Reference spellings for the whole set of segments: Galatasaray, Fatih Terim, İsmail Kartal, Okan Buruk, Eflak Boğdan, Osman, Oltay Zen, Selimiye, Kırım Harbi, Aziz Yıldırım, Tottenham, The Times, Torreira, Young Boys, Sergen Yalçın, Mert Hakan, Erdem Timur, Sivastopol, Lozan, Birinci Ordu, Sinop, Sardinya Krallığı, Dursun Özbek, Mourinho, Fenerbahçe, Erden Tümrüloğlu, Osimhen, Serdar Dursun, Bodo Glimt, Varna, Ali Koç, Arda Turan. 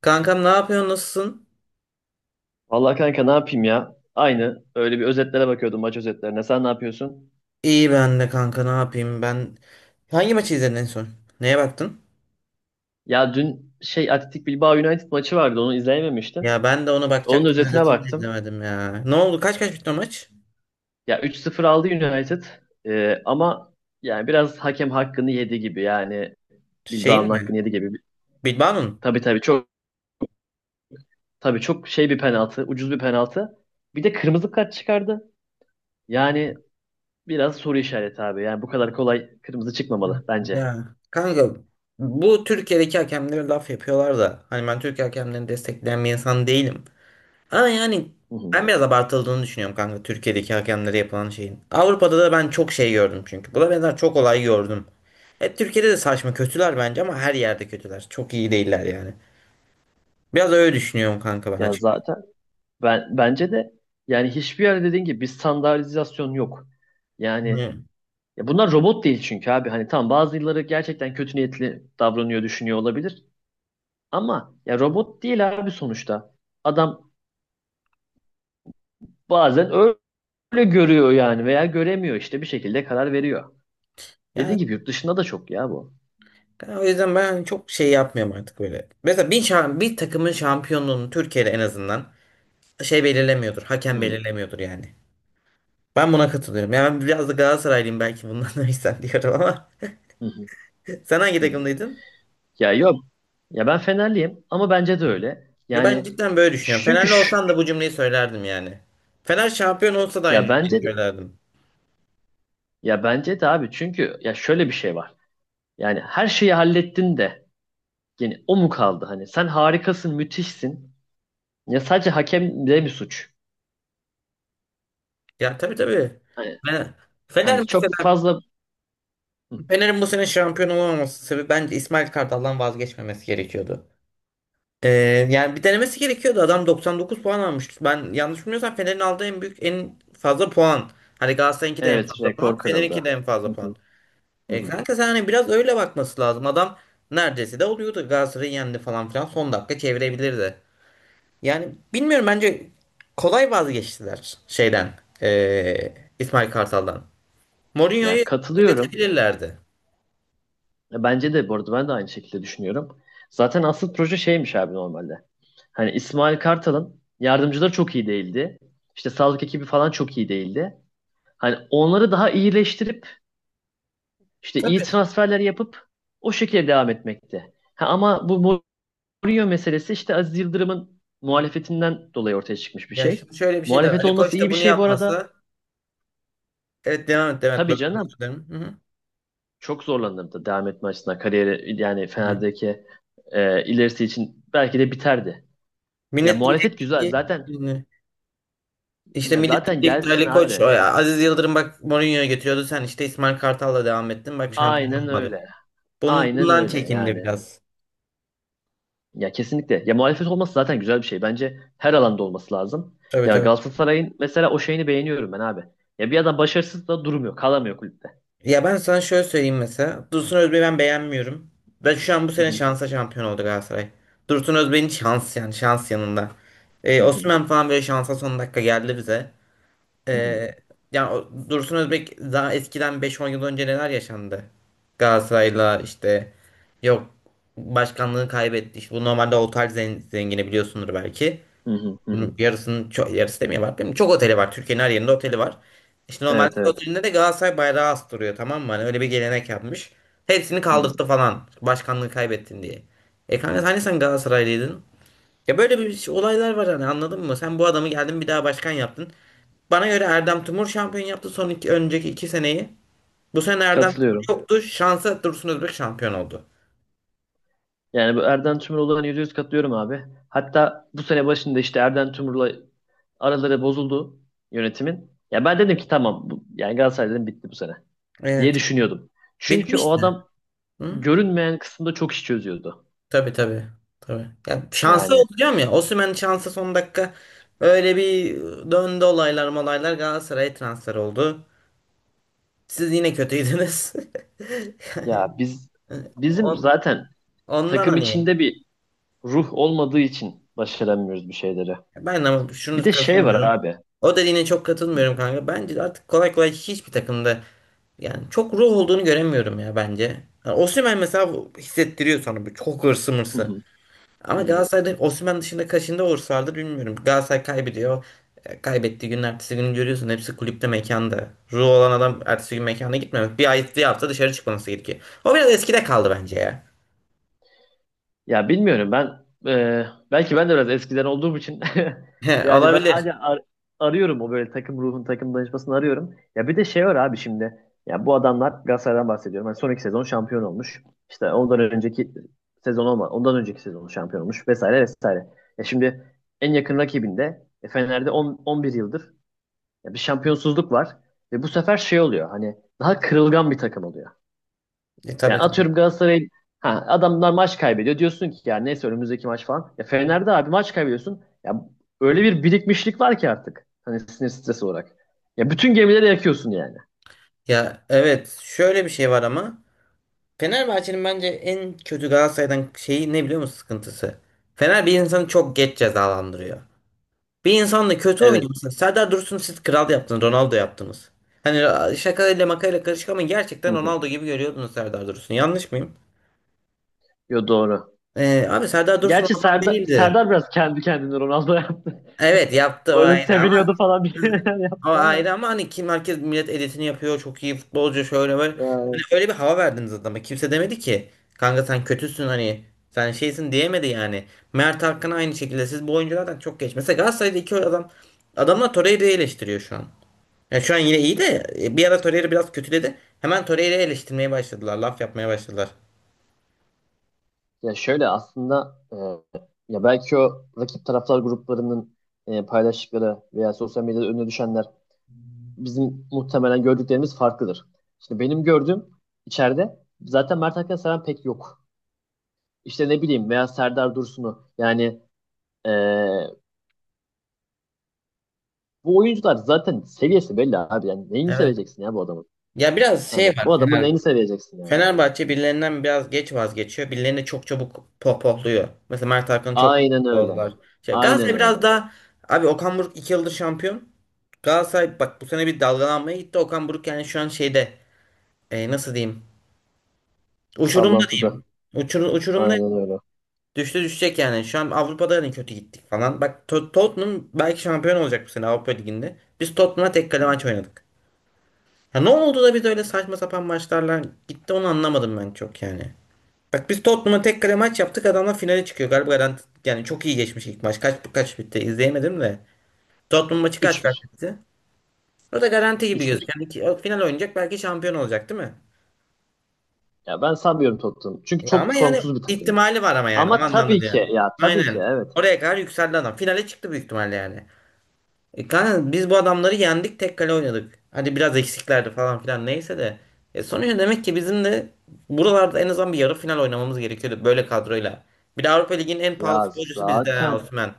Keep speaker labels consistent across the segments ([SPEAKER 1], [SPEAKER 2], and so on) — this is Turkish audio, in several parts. [SPEAKER 1] Kankam ne yapıyorsun? Nasılsın?
[SPEAKER 2] Vallahi kanka ne yapayım ya? Aynı. Öyle bir özetlere bakıyordum maç özetlerine. Sen ne yapıyorsun?
[SPEAKER 1] İyi ben de kanka ne yapayım ben. Hangi maçı izledin en son? Neye baktın?
[SPEAKER 2] Ya dün Athletic Bilbao United maçı vardı. Onu izleyememiştim.
[SPEAKER 1] Ya ben de ona
[SPEAKER 2] Onun
[SPEAKER 1] bakacaktım
[SPEAKER 2] özetine
[SPEAKER 1] özetini de
[SPEAKER 2] baktım.
[SPEAKER 1] izlemedim ya. Ne oldu? Kaç kaç bitti o maç?
[SPEAKER 2] Ya 3-0 aldı United. Ama yani biraz hakem hakkını yedi gibi. Yani Bilbao'nun
[SPEAKER 1] Şeyin mi?
[SPEAKER 2] hakkını yedi gibi.
[SPEAKER 1] Bilbao'nun mu?
[SPEAKER 2] Tabii çok tabii çok bir penaltı. Ucuz bir penaltı. Bir de kırmızı kart çıkardı. Yani biraz soru işareti abi. Yani bu kadar kolay kırmızı çıkmamalı bence.
[SPEAKER 1] Ya kanka bu Türkiye'deki hakemlere laf yapıyorlar da hani ben Türk hakemlerini destekleyen bir insan değilim. Ama yani
[SPEAKER 2] Hı
[SPEAKER 1] ben
[SPEAKER 2] hı.
[SPEAKER 1] biraz abartıldığını düşünüyorum kanka Türkiye'deki hakemlere yapılan şeyin. Avrupa'da da ben çok şey gördüm çünkü. Buna benzer çok olay gördüm. Hep Türkiye'de de saçma kötüler bence ama her yerde kötüler. Çok iyi değiller yani. Biraz öyle düşünüyorum kanka ben
[SPEAKER 2] Ya
[SPEAKER 1] açıkçası.
[SPEAKER 2] zaten Ben bence de yani hiçbir yerde dediğin gibi bir standartizasyon yok. Yani
[SPEAKER 1] Yani,
[SPEAKER 2] ya bunlar robot değil çünkü abi. Hani tamam bazıları gerçekten kötü niyetli davranıyor, düşünüyor olabilir. Ama ya robot değil abi sonuçta. Adam bazen öyle görüyor yani veya göremiyor işte bir şekilde karar veriyor.
[SPEAKER 1] yani
[SPEAKER 2] Dediğin gibi yurt dışında da çok ya bu.
[SPEAKER 1] o yüzden ben çok şey yapmıyorum artık böyle. Mesela bir takımın şampiyonluğunu Türkiye'de en azından şey belirlemiyordur.
[SPEAKER 2] Hı
[SPEAKER 1] Hakem
[SPEAKER 2] hı,
[SPEAKER 1] belirlemiyordur yani. Ben buna katılıyorum. Yani ben biraz da Galatasaraylıyım belki bundan da diyorum ama.
[SPEAKER 2] hı hı,
[SPEAKER 1] Sen hangi
[SPEAKER 2] hı hı.
[SPEAKER 1] takımdaydın?
[SPEAKER 2] Ya yok. Ya ben Fenerliyim ama bence de öyle.
[SPEAKER 1] Ya ben
[SPEAKER 2] Yani
[SPEAKER 1] cidden böyle düşünüyorum.
[SPEAKER 2] çünkü
[SPEAKER 1] Fenerli
[SPEAKER 2] şu,
[SPEAKER 1] olsan da bu cümleyi söylerdim yani. Fener şampiyon olsa da
[SPEAKER 2] ya
[SPEAKER 1] aynı
[SPEAKER 2] bence
[SPEAKER 1] cümleyi
[SPEAKER 2] de
[SPEAKER 1] söylerdim.
[SPEAKER 2] ya bence de abi çünkü ya şöyle bir şey var. Yani her şeyi hallettin de yani o mu kaldı hani? Sen harikasın, müthişsin. Ya sadece hakem de mi suç.
[SPEAKER 1] Ya tabii tabii.
[SPEAKER 2] Hani,
[SPEAKER 1] Fener, Fener
[SPEAKER 2] hani çok
[SPEAKER 1] mesela
[SPEAKER 2] fazla Hı,
[SPEAKER 1] Fener'in bu sene şampiyon olamaması sebebi bence İsmail Kartal'dan vazgeçmemesi gerekiyordu. Ee, yani bir denemesi gerekiyordu. Adam 99 puan almıştı. Ben yanlış bilmiyorsam Fener'in aldığı en büyük en fazla puan. Hani Galatasaray'ınki de en
[SPEAKER 2] evet
[SPEAKER 1] fazla
[SPEAKER 2] rekor
[SPEAKER 1] puan. Fener'inki
[SPEAKER 2] kırıldı.
[SPEAKER 1] de en
[SPEAKER 2] Hı
[SPEAKER 1] fazla
[SPEAKER 2] hı,
[SPEAKER 1] puan.
[SPEAKER 2] hı
[SPEAKER 1] E,
[SPEAKER 2] hı.
[SPEAKER 1] kanka sen hani biraz öyle bakması lazım. Adam neredeyse de oluyordu. Galatasaray'ı yendi falan filan. Son dakika çevirebilirdi. Yani bilmiyorum bence kolay vazgeçtiler şeyden İsmail Kartal'dan. Mourinho'yu
[SPEAKER 2] Ya katılıyorum.
[SPEAKER 1] bekletebilirlerdi.
[SPEAKER 2] Ya bence de bu arada ben de aynı şekilde düşünüyorum. Zaten asıl proje şeymiş abi normalde. Hani İsmail Kartal'ın yardımcıları çok iyi değildi. İşte sağlık ekibi falan çok iyi değildi. Hani onları daha iyileştirip işte iyi
[SPEAKER 1] Tabii.
[SPEAKER 2] transferler yapıp o şekilde devam etmekti. Ha, ama bu Rio meselesi işte Aziz Yıldırım'ın muhalefetinden dolayı ortaya çıkmış bir
[SPEAKER 1] Ya
[SPEAKER 2] şey.
[SPEAKER 1] şimdi şöyle bir şey de var.
[SPEAKER 2] Muhalefet
[SPEAKER 1] Ali
[SPEAKER 2] olması
[SPEAKER 1] Koç
[SPEAKER 2] iyi
[SPEAKER 1] da
[SPEAKER 2] bir
[SPEAKER 1] bunu
[SPEAKER 2] şey bu arada.
[SPEAKER 1] yapmasa evet devam et devam et.
[SPEAKER 2] Tabii
[SPEAKER 1] Böldüm, özür
[SPEAKER 2] canım.
[SPEAKER 1] dilerim. Hı hı.
[SPEAKER 2] Çok zorlanırdı devam etme açısından. Kariyeri yani
[SPEAKER 1] Ha.
[SPEAKER 2] Fener'deki ilerisi için belki de biterdi. Ya
[SPEAKER 1] Millet diyecek
[SPEAKER 2] muhalefet güzel
[SPEAKER 1] ki
[SPEAKER 2] zaten
[SPEAKER 1] şimdi, işte
[SPEAKER 2] ya
[SPEAKER 1] millet
[SPEAKER 2] zaten
[SPEAKER 1] diyecek ki
[SPEAKER 2] gelsin
[SPEAKER 1] Ali Koç
[SPEAKER 2] abi.
[SPEAKER 1] o ya Aziz Yıldırım bak Mourinho'yu getiriyordu sen işte İsmail Kartal'la devam ettin bak şampiyon
[SPEAKER 2] Aynen
[SPEAKER 1] olmadık.
[SPEAKER 2] öyle.
[SPEAKER 1] Bunun,
[SPEAKER 2] Aynen
[SPEAKER 1] bundan
[SPEAKER 2] öyle
[SPEAKER 1] çekindi
[SPEAKER 2] yani.
[SPEAKER 1] biraz.
[SPEAKER 2] Ya kesinlikle. Ya muhalefet olması zaten güzel bir şey. Bence her alanda olması lazım.
[SPEAKER 1] Tabii
[SPEAKER 2] Ya
[SPEAKER 1] tabii.
[SPEAKER 2] Galatasaray'ın mesela o şeyini beğeniyorum ben abi. Ya bir adam başarısız da durmuyor, kalamıyor kulüpte.
[SPEAKER 1] Ya ben sana şöyle söyleyeyim mesela. Dursun Özbek'i ben beğenmiyorum. Da şu an bu
[SPEAKER 2] Hı
[SPEAKER 1] sene
[SPEAKER 2] hı.
[SPEAKER 1] şansa şampiyon oldu Galatasaray. Dursun Özbek'in şans yani şans yanında.
[SPEAKER 2] Hı hı.
[SPEAKER 1] Osimhen falan böyle şansa son dakika geldi bize.
[SPEAKER 2] Hı hı.
[SPEAKER 1] Ee, yani Dursun Özbek daha eskiden beş on yıl önce neler yaşandı? Galatasaray'la işte yok başkanlığı kaybetti. İşte bu normalde Oltay zengini biliyorsundur belki.
[SPEAKER 2] Hı hı, hı hı.
[SPEAKER 1] Yarısının çok, yarısı demiyorlar değil mi? Çok oteli var. Türkiye'nin her yerinde oteli var. İşte normalde
[SPEAKER 2] Evet
[SPEAKER 1] her
[SPEAKER 2] evet.
[SPEAKER 1] otelinde de Galatasaray bayrağı astırıyor tamam mı? Hani öyle bir gelenek yapmış. Hepsini
[SPEAKER 2] Hı
[SPEAKER 1] kaldırttı
[SPEAKER 2] hı.
[SPEAKER 1] falan. Başkanlığı kaybettin diye. E kanka hani sen Galatasaraylıydın? Ya böyle bir olaylar var hani anladın mı? Sen bu adamı geldin bir daha başkan yaptın. Bana göre Erdem Timur şampiyon yaptı son iki, önceki 2 seneyi. Bu sene Erdem Timur
[SPEAKER 2] Katılıyorum.
[SPEAKER 1] yoktu. Şansa Dursun Özbek şampiyon oldu.
[SPEAKER 2] Yani bu Erden Tümrüloğlu'na olan %100 katılıyorum abi. Hatta bu sene başında işte Erden Tümrüloğlu araları bozuldu yönetimin. Ya ben dedim ki tamam bu, yani Galatasaray dedim bitti bu sene diye
[SPEAKER 1] Evet.
[SPEAKER 2] düşünüyordum. Çünkü o
[SPEAKER 1] Bitmişti.
[SPEAKER 2] adam
[SPEAKER 1] Hı?
[SPEAKER 2] görünmeyen kısımda çok iş çözüyordu.
[SPEAKER 1] Tabii tabii. Tabii. Ya şansa
[SPEAKER 2] Yani
[SPEAKER 1] olacağım ya. Osimhen şansa son dakika öyle bir döndü olaylar malaylar Galatasaray'a transfer oldu. Siz yine kötüydünüz. Yani
[SPEAKER 2] ya biz bizim
[SPEAKER 1] On-
[SPEAKER 2] zaten
[SPEAKER 1] Ondan
[SPEAKER 2] takım
[SPEAKER 1] hani
[SPEAKER 2] içinde bir ruh olmadığı için başaramıyoruz bir şeyleri.
[SPEAKER 1] ben ama
[SPEAKER 2] Bir
[SPEAKER 1] şunu
[SPEAKER 2] de şey var
[SPEAKER 1] katılmıyorum.
[SPEAKER 2] abi.
[SPEAKER 1] O dediğine çok
[SPEAKER 2] Hı
[SPEAKER 1] katılmıyorum kanka. Bence artık kolay kolay hiçbir takımda yani çok ruh olduğunu göremiyorum ya bence. Yani Osimhen mesela hissettiriyor sana bu çok hırsı mırsı.
[SPEAKER 2] hı,
[SPEAKER 1] Ama
[SPEAKER 2] hı hı.
[SPEAKER 1] Galatasaray'da Osimhen dışında kaçında olursalardır bilmiyorum. Galatasaray kaybediyor. E, kaybettiği günün ertesi günü görüyorsun. Hepsi kulüpte mekanda. Ruh olan adam ertesi gün mekana gitmemek. Bir ay bir hafta dışarı çıkmaması gerekiyor. O biraz eskide kaldı bence ya.
[SPEAKER 2] Bilmiyorum ben e, belki ben de biraz eskiden olduğum için
[SPEAKER 1] He,
[SPEAKER 2] yani ben
[SPEAKER 1] olabilir.
[SPEAKER 2] arıyorum o böyle takım ruhun takım danışmasını arıyorum. Ya bir de şey var abi şimdi ya bu adamlar Galatasaray'dan bahsediyorum. Hani son iki sezon şampiyon olmuş. İşte ondan önceki sezon şampiyon olmuş vesaire vesaire. Ya şimdi En yakın rakibinde Fener'de 10, 11 yıldır ya bir şampiyonsuzluk var ve bu sefer şey oluyor hani daha kırılgan bir takım oluyor.
[SPEAKER 1] E,
[SPEAKER 2] Yani
[SPEAKER 1] tabii
[SPEAKER 2] atıyorum
[SPEAKER 1] tabii.
[SPEAKER 2] Galatasaray ha, adamlar maç kaybediyor. Diyorsun ki ya neyse önümüzdeki maç falan. Ya Fener'de abi maç kaybediyorsun. Ya öyle bir birikmişlik var ki artık. Hani sinir stresi olarak. Ya bütün gemileri yakıyorsun yani.
[SPEAKER 1] Ya evet şöyle bir şey var ama Fenerbahçe'nin bence en kötü Galatasaray'dan şeyi ne biliyor musun sıkıntısı? Fener bir insanı çok geç cezalandırıyor. Bir insanla kötü
[SPEAKER 2] Evet.
[SPEAKER 1] oynuyorsun. Serdar Dursun'u siz kral yaptınız. Ronaldo yaptınız. Hani şakayla makayla karışık ama
[SPEAKER 2] Hı
[SPEAKER 1] gerçekten
[SPEAKER 2] hı.
[SPEAKER 1] Ronaldo gibi görüyordunuz Serdar Dursun'u. Yanlış mıyım?
[SPEAKER 2] Yo doğru.
[SPEAKER 1] Abi Serdar Dursun
[SPEAKER 2] Gerçi
[SPEAKER 1] oradan
[SPEAKER 2] Serdar,
[SPEAKER 1] değildi.
[SPEAKER 2] Serdar biraz kendi kendine Ronaldo yaptı.
[SPEAKER 1] Evet yaptı
[SPEAKER 2] Öyle
[SPEAKER 1] aynı
[SPEAKER 2] seviniyordu
[SPEAKER 1] ama
[SPEAKER 2] falan bir şeyler
[SPEAKER 1] hava
[SPEAKER 2] yaptı ama.
[SPEAKER 1] ayrı ama hani kim herkes millet editini yapıyor çok iyi futbolcu şöyle böyle. Hani
[SPEAKER 2] Ee,
[SPEAKER 1] öyle bir hava verdiniz adama. Kimse demedi ki kanka sen kötüsün hani sen şeysin diyemedi yani. Mert Hakan aynı şekilde siz bu oyunculardan çok geç. Mesela Galatasaray'da iki adam adamlar Torreira'yı eleştiriyor şu an. Yani şu an yine iyi de bir ara Torreira biraz kötüledi. Hemen Torreira'yı eleştirmeye başladılar. Laf yapmaya başladılar.
[SPEAKER 2] Ya şöyle aslında ya belki o rakip taraftar gruplarının paylaştıkları veya sosyal medyada önüne düşenler bizim muhtemelen gördüklerimiz farklıdır. Şimdi benim gördüğüm içeride zaten Mert Hakan seven pek yok. İşte ne bileyim veya Serdar Dursun'u yani eee, bu oyuncular zaten seviyesi belli abi. Yani neyini
[SPEAKER 1] Evet.
[SPEAKER 2] seveceksin ya bu adamın?
[SPEAKER 1] Ya biraz
[SPEAKER 2] Hani
[SPEAKER 1] şey var
[SPEAKER 2] bu adamın
[SPEAKER 1] Fener.
[SPEAKER 2] neyini seveceksin yani?
[SPEAKER 1] Fenerbahçe birilerinden biraz geç vazgeçiyor. Birilerini çok çabuk pohpohluyor. Mesela Mert Hakan'ı çok
[SPEAKER 2] Aynen öyle.
[SPEAKER 1] pohpohladılar. Şey,
[SPEAKER 2] Aynen
[SPEAKER 1] Galatasaray
[SPEAKER 2] öyle.
[SPEAKER 1] biraz daha... Abi Okan Buruk 2 yıldır şampiyon. Galatasaray bak bu sene bir dalgalanmaya gitti. Okan Buruk yani şu an şeyde... nasıl diyeyim? Uçurumda
[SPEAKER 2] Sallantıda.
[SPEAKER 1] diyeyim. Uçurumda
[SPEAKER 2] Aynen öyle.
[SPEAKER 1] düştü düşecek yani. Şu an Avrupa'da hani kötü gittik falan. Bak Tottenham belki şampiyon olacak bu sene Avrupa Ligi'nde. Biz Tottenham'a tek kale maç oynadık. Ya ne oldu da biz öyle saçma sapan maçlarla gitti onu anlamadım ben çok yani. Bak biz Tottenham'a tek kale maç yaptık. Adamlar finale çıkıyor. Galiba garanti, yani çok iyi geçmiş ilk maç. Kaç kaç bitti izleyemedim de. Tottenham maçı kaç
[SPEAKER 2] Üç
[SPEAKER 1] kaç
[SPEAKER 2] bir.
[SPEAKER 1] bitti? O da garanti gibi
[SPEAKER 2] Üç bir.
[SPEAKER 1] gözüküyor. Yani o final oynayacak belki şampiyon olacak değil mi?
[SPEAKER 2] Ya ben sanmıyorum Tottenham. Çünkü
[SPEAKER 1] Ya ama
[SPEAKER 2] çok
[SPEAKER 1] yani
[SPEAKER 2] formsuz bir takım.
[SPEAKER 1] ihtimali var ama yani o
[SPEAKER 2] Ama
[SPEAKER 1] anlamda
[SPEAKER 2] tabii
[SPEAKER 1] da yani.
[SPEAKER 2] ki ya tabii ki
[SPEAKER 1] Aynen.
[SPEAKER 2] evet.
[SPEAKER 1] Oraya kadar yükseldi adam. Finale çıktı büyük ihtimalle yani. E kanka biz bu adamları yendik tek kale oynadık. Hadi biraz eksiklerdi falan filan neyse de. E sonuçta demek ki bizim de buralarda en azından bir yarı final oynamamız gerekiyordu böyle kadroyla. Bir de Avrupa Ligi'nin en pahalı
[SPEAKER 2] Ya
[SPEAKER 1] futbolcusu bizde ha
[SPEAKER 2] zaten
[SPEAKER 1] Osman.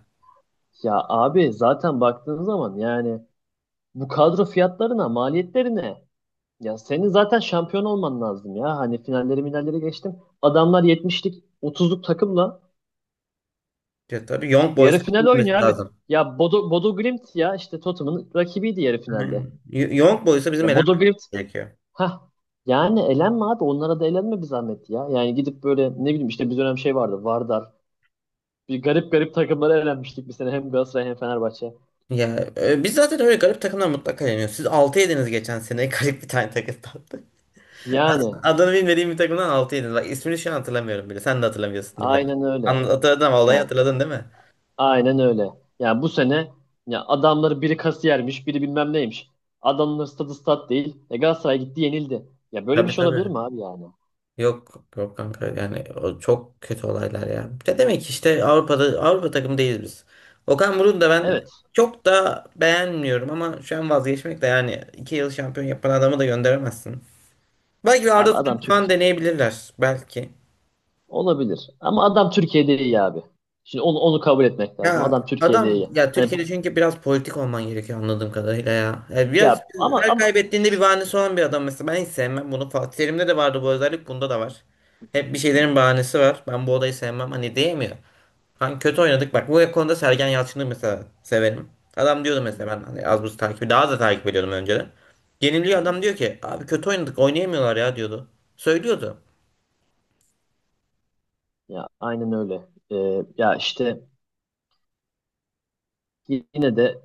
[SPEAKER 2] Ya abi zaten baktığın zaman yani bu kadro fiyatlarına, maliyetlerine ya senin zaten şampiyon olman lazım ya. Hani finalleri minalleri geçtim. Adamlar 70'lik otuzluk takımla
[SPEAKER 1] Ya tabii Young
[SPEAKER 2] yarı
[SPEAKER 1] Boys'a
[SPEAKER 2] final
[SPEAKER 1] elenmemesi
[SPEAKER 2] oynuyor abi.
[SPEAKER 1] lazım.
[SPEAKER 2] Ya Bodo Glimt ya işte Tottenham'ın rakibiydi yarı finalde.
[SPEAKER 1] Aynen. Young Boys'a
[SPEAKER 2] Ya
[SPEAKER 1] bizim
[SPEAKER 2] Bodo
[SPEAKER 1] elenmemesi
[SPEAKER 2] Glimt
[SPEAKER 1] gerekiyor.
[SPEAKER 2] ha Yani elenme abi onlara da elenme bir zahmet ya. Yani gidip böyle ne bileyim işte bir dönem şey vardı Vardar. Bir garip garip takımlara elenmiştik bir sene hem Galatasaray hem Fenerbahçe.
[SPEAKER 1] Ya biz zaten öyle garip takımdan mutlaka yeniyoruz. Siz 6 yediniz geçen sene garip bir tane takım tatlı.
[SPEAKER 2] Yani
[SPEAKER 1] Adını bilmediğim bir takımdan 6 yediniz. Bak ismini şu an hatırlamıyorum bile. Sen de hatırlamıyorsundur belki.
[SPEAKER 2] aynen öyle.
[SPEAKER 1] Hatırladın ama olayı
[SPEAKER 2] Yani
[SPEAKER 1] hatırladın değil mi?
[SPEAKER 2] aynen öyle. Yani bu sene ya adamları biri kasiyermiş, biri bilmem neymiş. Adamların stadı stat değil. E Galatasaray gitti yenildi. Ya böyle bir
[SPEAKER 1] Tabii
[SPEAKER 2] şey olabilir
[SPEAKER 1] tabii.
[SPEAKER 2] mi abi yani?
[SPEAKER 1] Yok yok kanka yani o çok kötü olaylar ya. Ne demek işte Avrupa'da Avrupa takımı değiliz biz. Okan Buruk'u da ben
[SPEAKER 2] Evet.
[SPEAKER 1] çok da beğenmiyorum ama şu an vazgeçmek de yani 2 yıl şampiyon yapan adamı da gönderemezsin. Belki bir
[SPEAKER 2] Abi
[SPEAKER 1] Arda Turan
[SPEAKER 2] adam
[SPEAKER 1] falan
[SPEAKER 2] Türkiye.
[SPEAKER 1] deneyebilirler belki.
[SPEAKER 2] Olabilir. Ama adam Türkiye'de iyi abi. Şimdi onu kabul etmek lazım.
[SPEAKER 1] Ya
[SPEAKER 2] Adam Türkiye'de
[SPEAKER 1] adam
[SPEAKER 2] iyi.
[SPEAKER 1] ya
[SPEAKER 2] Hani bu-
[SPEAKER 1] Türkiye'de çünkü biraz politik olman gerekiyor anladığım kadarıyla ya. Ya biraz
[SPEAKER 2] ya ama
[SPEAKER 1] her
[SPEAKER 2] ama
[SPEAKER 1] kaybettiğinde bir
[SPEAKER 2] Şşş.
[SPEAKER 1] bahanesi olan bir adam mesela. Ben hiç sevmem bunu. Fatih Terim'de de vardı bu özellik. Bunda da var. Hep bir
[SPEAKER 2] Hı,
[SPEAKER 1] şeylerin bahanesi var. Ben bu odayı sevmem. Hani diyemiyor. Hani kötü oynadık. Bak bu konuda Sergen Yalçın'ı mesela severim. Adam diyordu
[SPEAKER 2] hı,
[SPEAKER 1] mesela ben hani az buz takibi daha da takip ediyordum önceden. Yeniliyor
[SPEAKER 2] hı.
[SPEAKER 1] adam diyor ki abi kötü oynadık oynayamıyorlar ya diyordu. Söylüyordu.
[SPEAKER 2] Ya aynen öyle. Ya işte yine de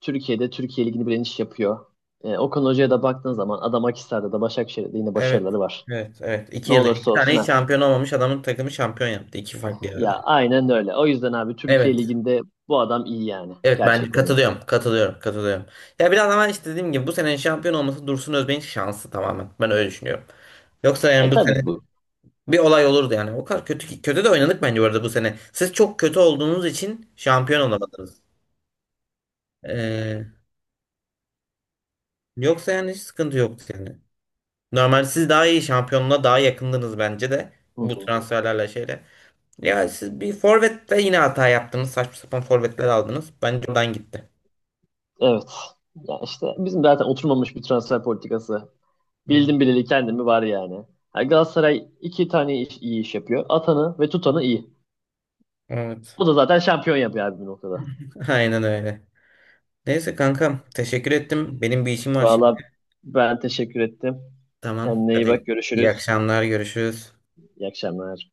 [SPEAKER 2] Türkiye'de Türkiye Ligi'ni bilen iş yapıyor. Okan Hoca'ya da baktığın zaman adam Akhisar'da da Başakşehir'de de yine
[SPEAKER 1] Evet.
[SPEAKER 2] başarıları var.
[SPEAKER 1] Evet, evet.
[SPEAKER 2] Ne
[SPEAKER 1] 2 yılda
[SPEAKER 2] olursa
[SPEAKER 1] iki tane
[SPEAKER 2] olsun
[SPEAKER 1] hiç
[SPEAKER 2] at.
[SPEAKER 1] şampiyon olmamış adamın takımı şampiyon yaptı. İki farklı yerde.
[SPEAKER 2] Ya aynen öyle. O yüzden abi Türkiye
[SPEAKER 1] Evet.
[SPEAKER 2] Ligi'nde bu adam iyi yani.
[SPEAKER 1] Evet ben
[SPEAKER 2] Gerçekten iyi.
[SPEAKER 1] katılıyorum. Katılıyorum. Katılıyorum. Ya biraz ama işte dediğim gibi bu senenin şampiyon olması Dursun Özbek'in şansı tamamen. Ben öyle düşünüyorum. Yoksa yani
[SPEAKER 2] E
[SPEAKER 1] bu
[SPEAKER 2] tabii
[SPEAKER 1] sene
[SPEAKER 2] bu.
[SPEAKER 1] bir olay olurdu yani. O kadar kötü kötü de oynadık bence bu arada bu sene. Siz çok kötü olduğunuz için şampiyon olamadınız. Ee, yoksa yani hiç sıkıntı yoktu yani. Normal siz daha iyi şampiyonluğa daha yakındınız bence de
[SPEAKER 2] Hı
[SPEAKER 1] bu
[SPEAKER 2] hı.
[SPEAKER 1] transferlerle şeyle. Ya siz bir forvette yine hata yaptınız. Saçma sapan forvetler aldınız. Bence oradan gitti.
[SPEAKER 2] Evet. Ya işte bizim zaten oturmamış bir transfer politikası.
[SPEAKER 1] Hı,
[SPEAKER 2] Bildim bileli kendimi var yani. Ha, Galatasaray iyi iş yapıyor. Atanı ve tutanı iyi.
[SPEAKER 1] evet.
[SPEAKER 2] O da zaten şampiyon yapıyor abi bir noktada.
[SPEAKER 1] Aynen öyle. Neyse kankam teşekkür ettim. Benim bir işim var şimdi.
[SPEAKER 2] Valla ben teşekkür ettim.
[SPEAKER 1] Tamam
[SPEAKER 2] Kendine iyi
[SPEAKER 1] hadi
[SPEAKER 2] bak.
[SPEAKER 1] iyi
[SPEAKER 2] Görüşürüz.
[SPEAKER 1] akşamlar görüşürüz.
[SPEAKER 2] İyi akşamlar.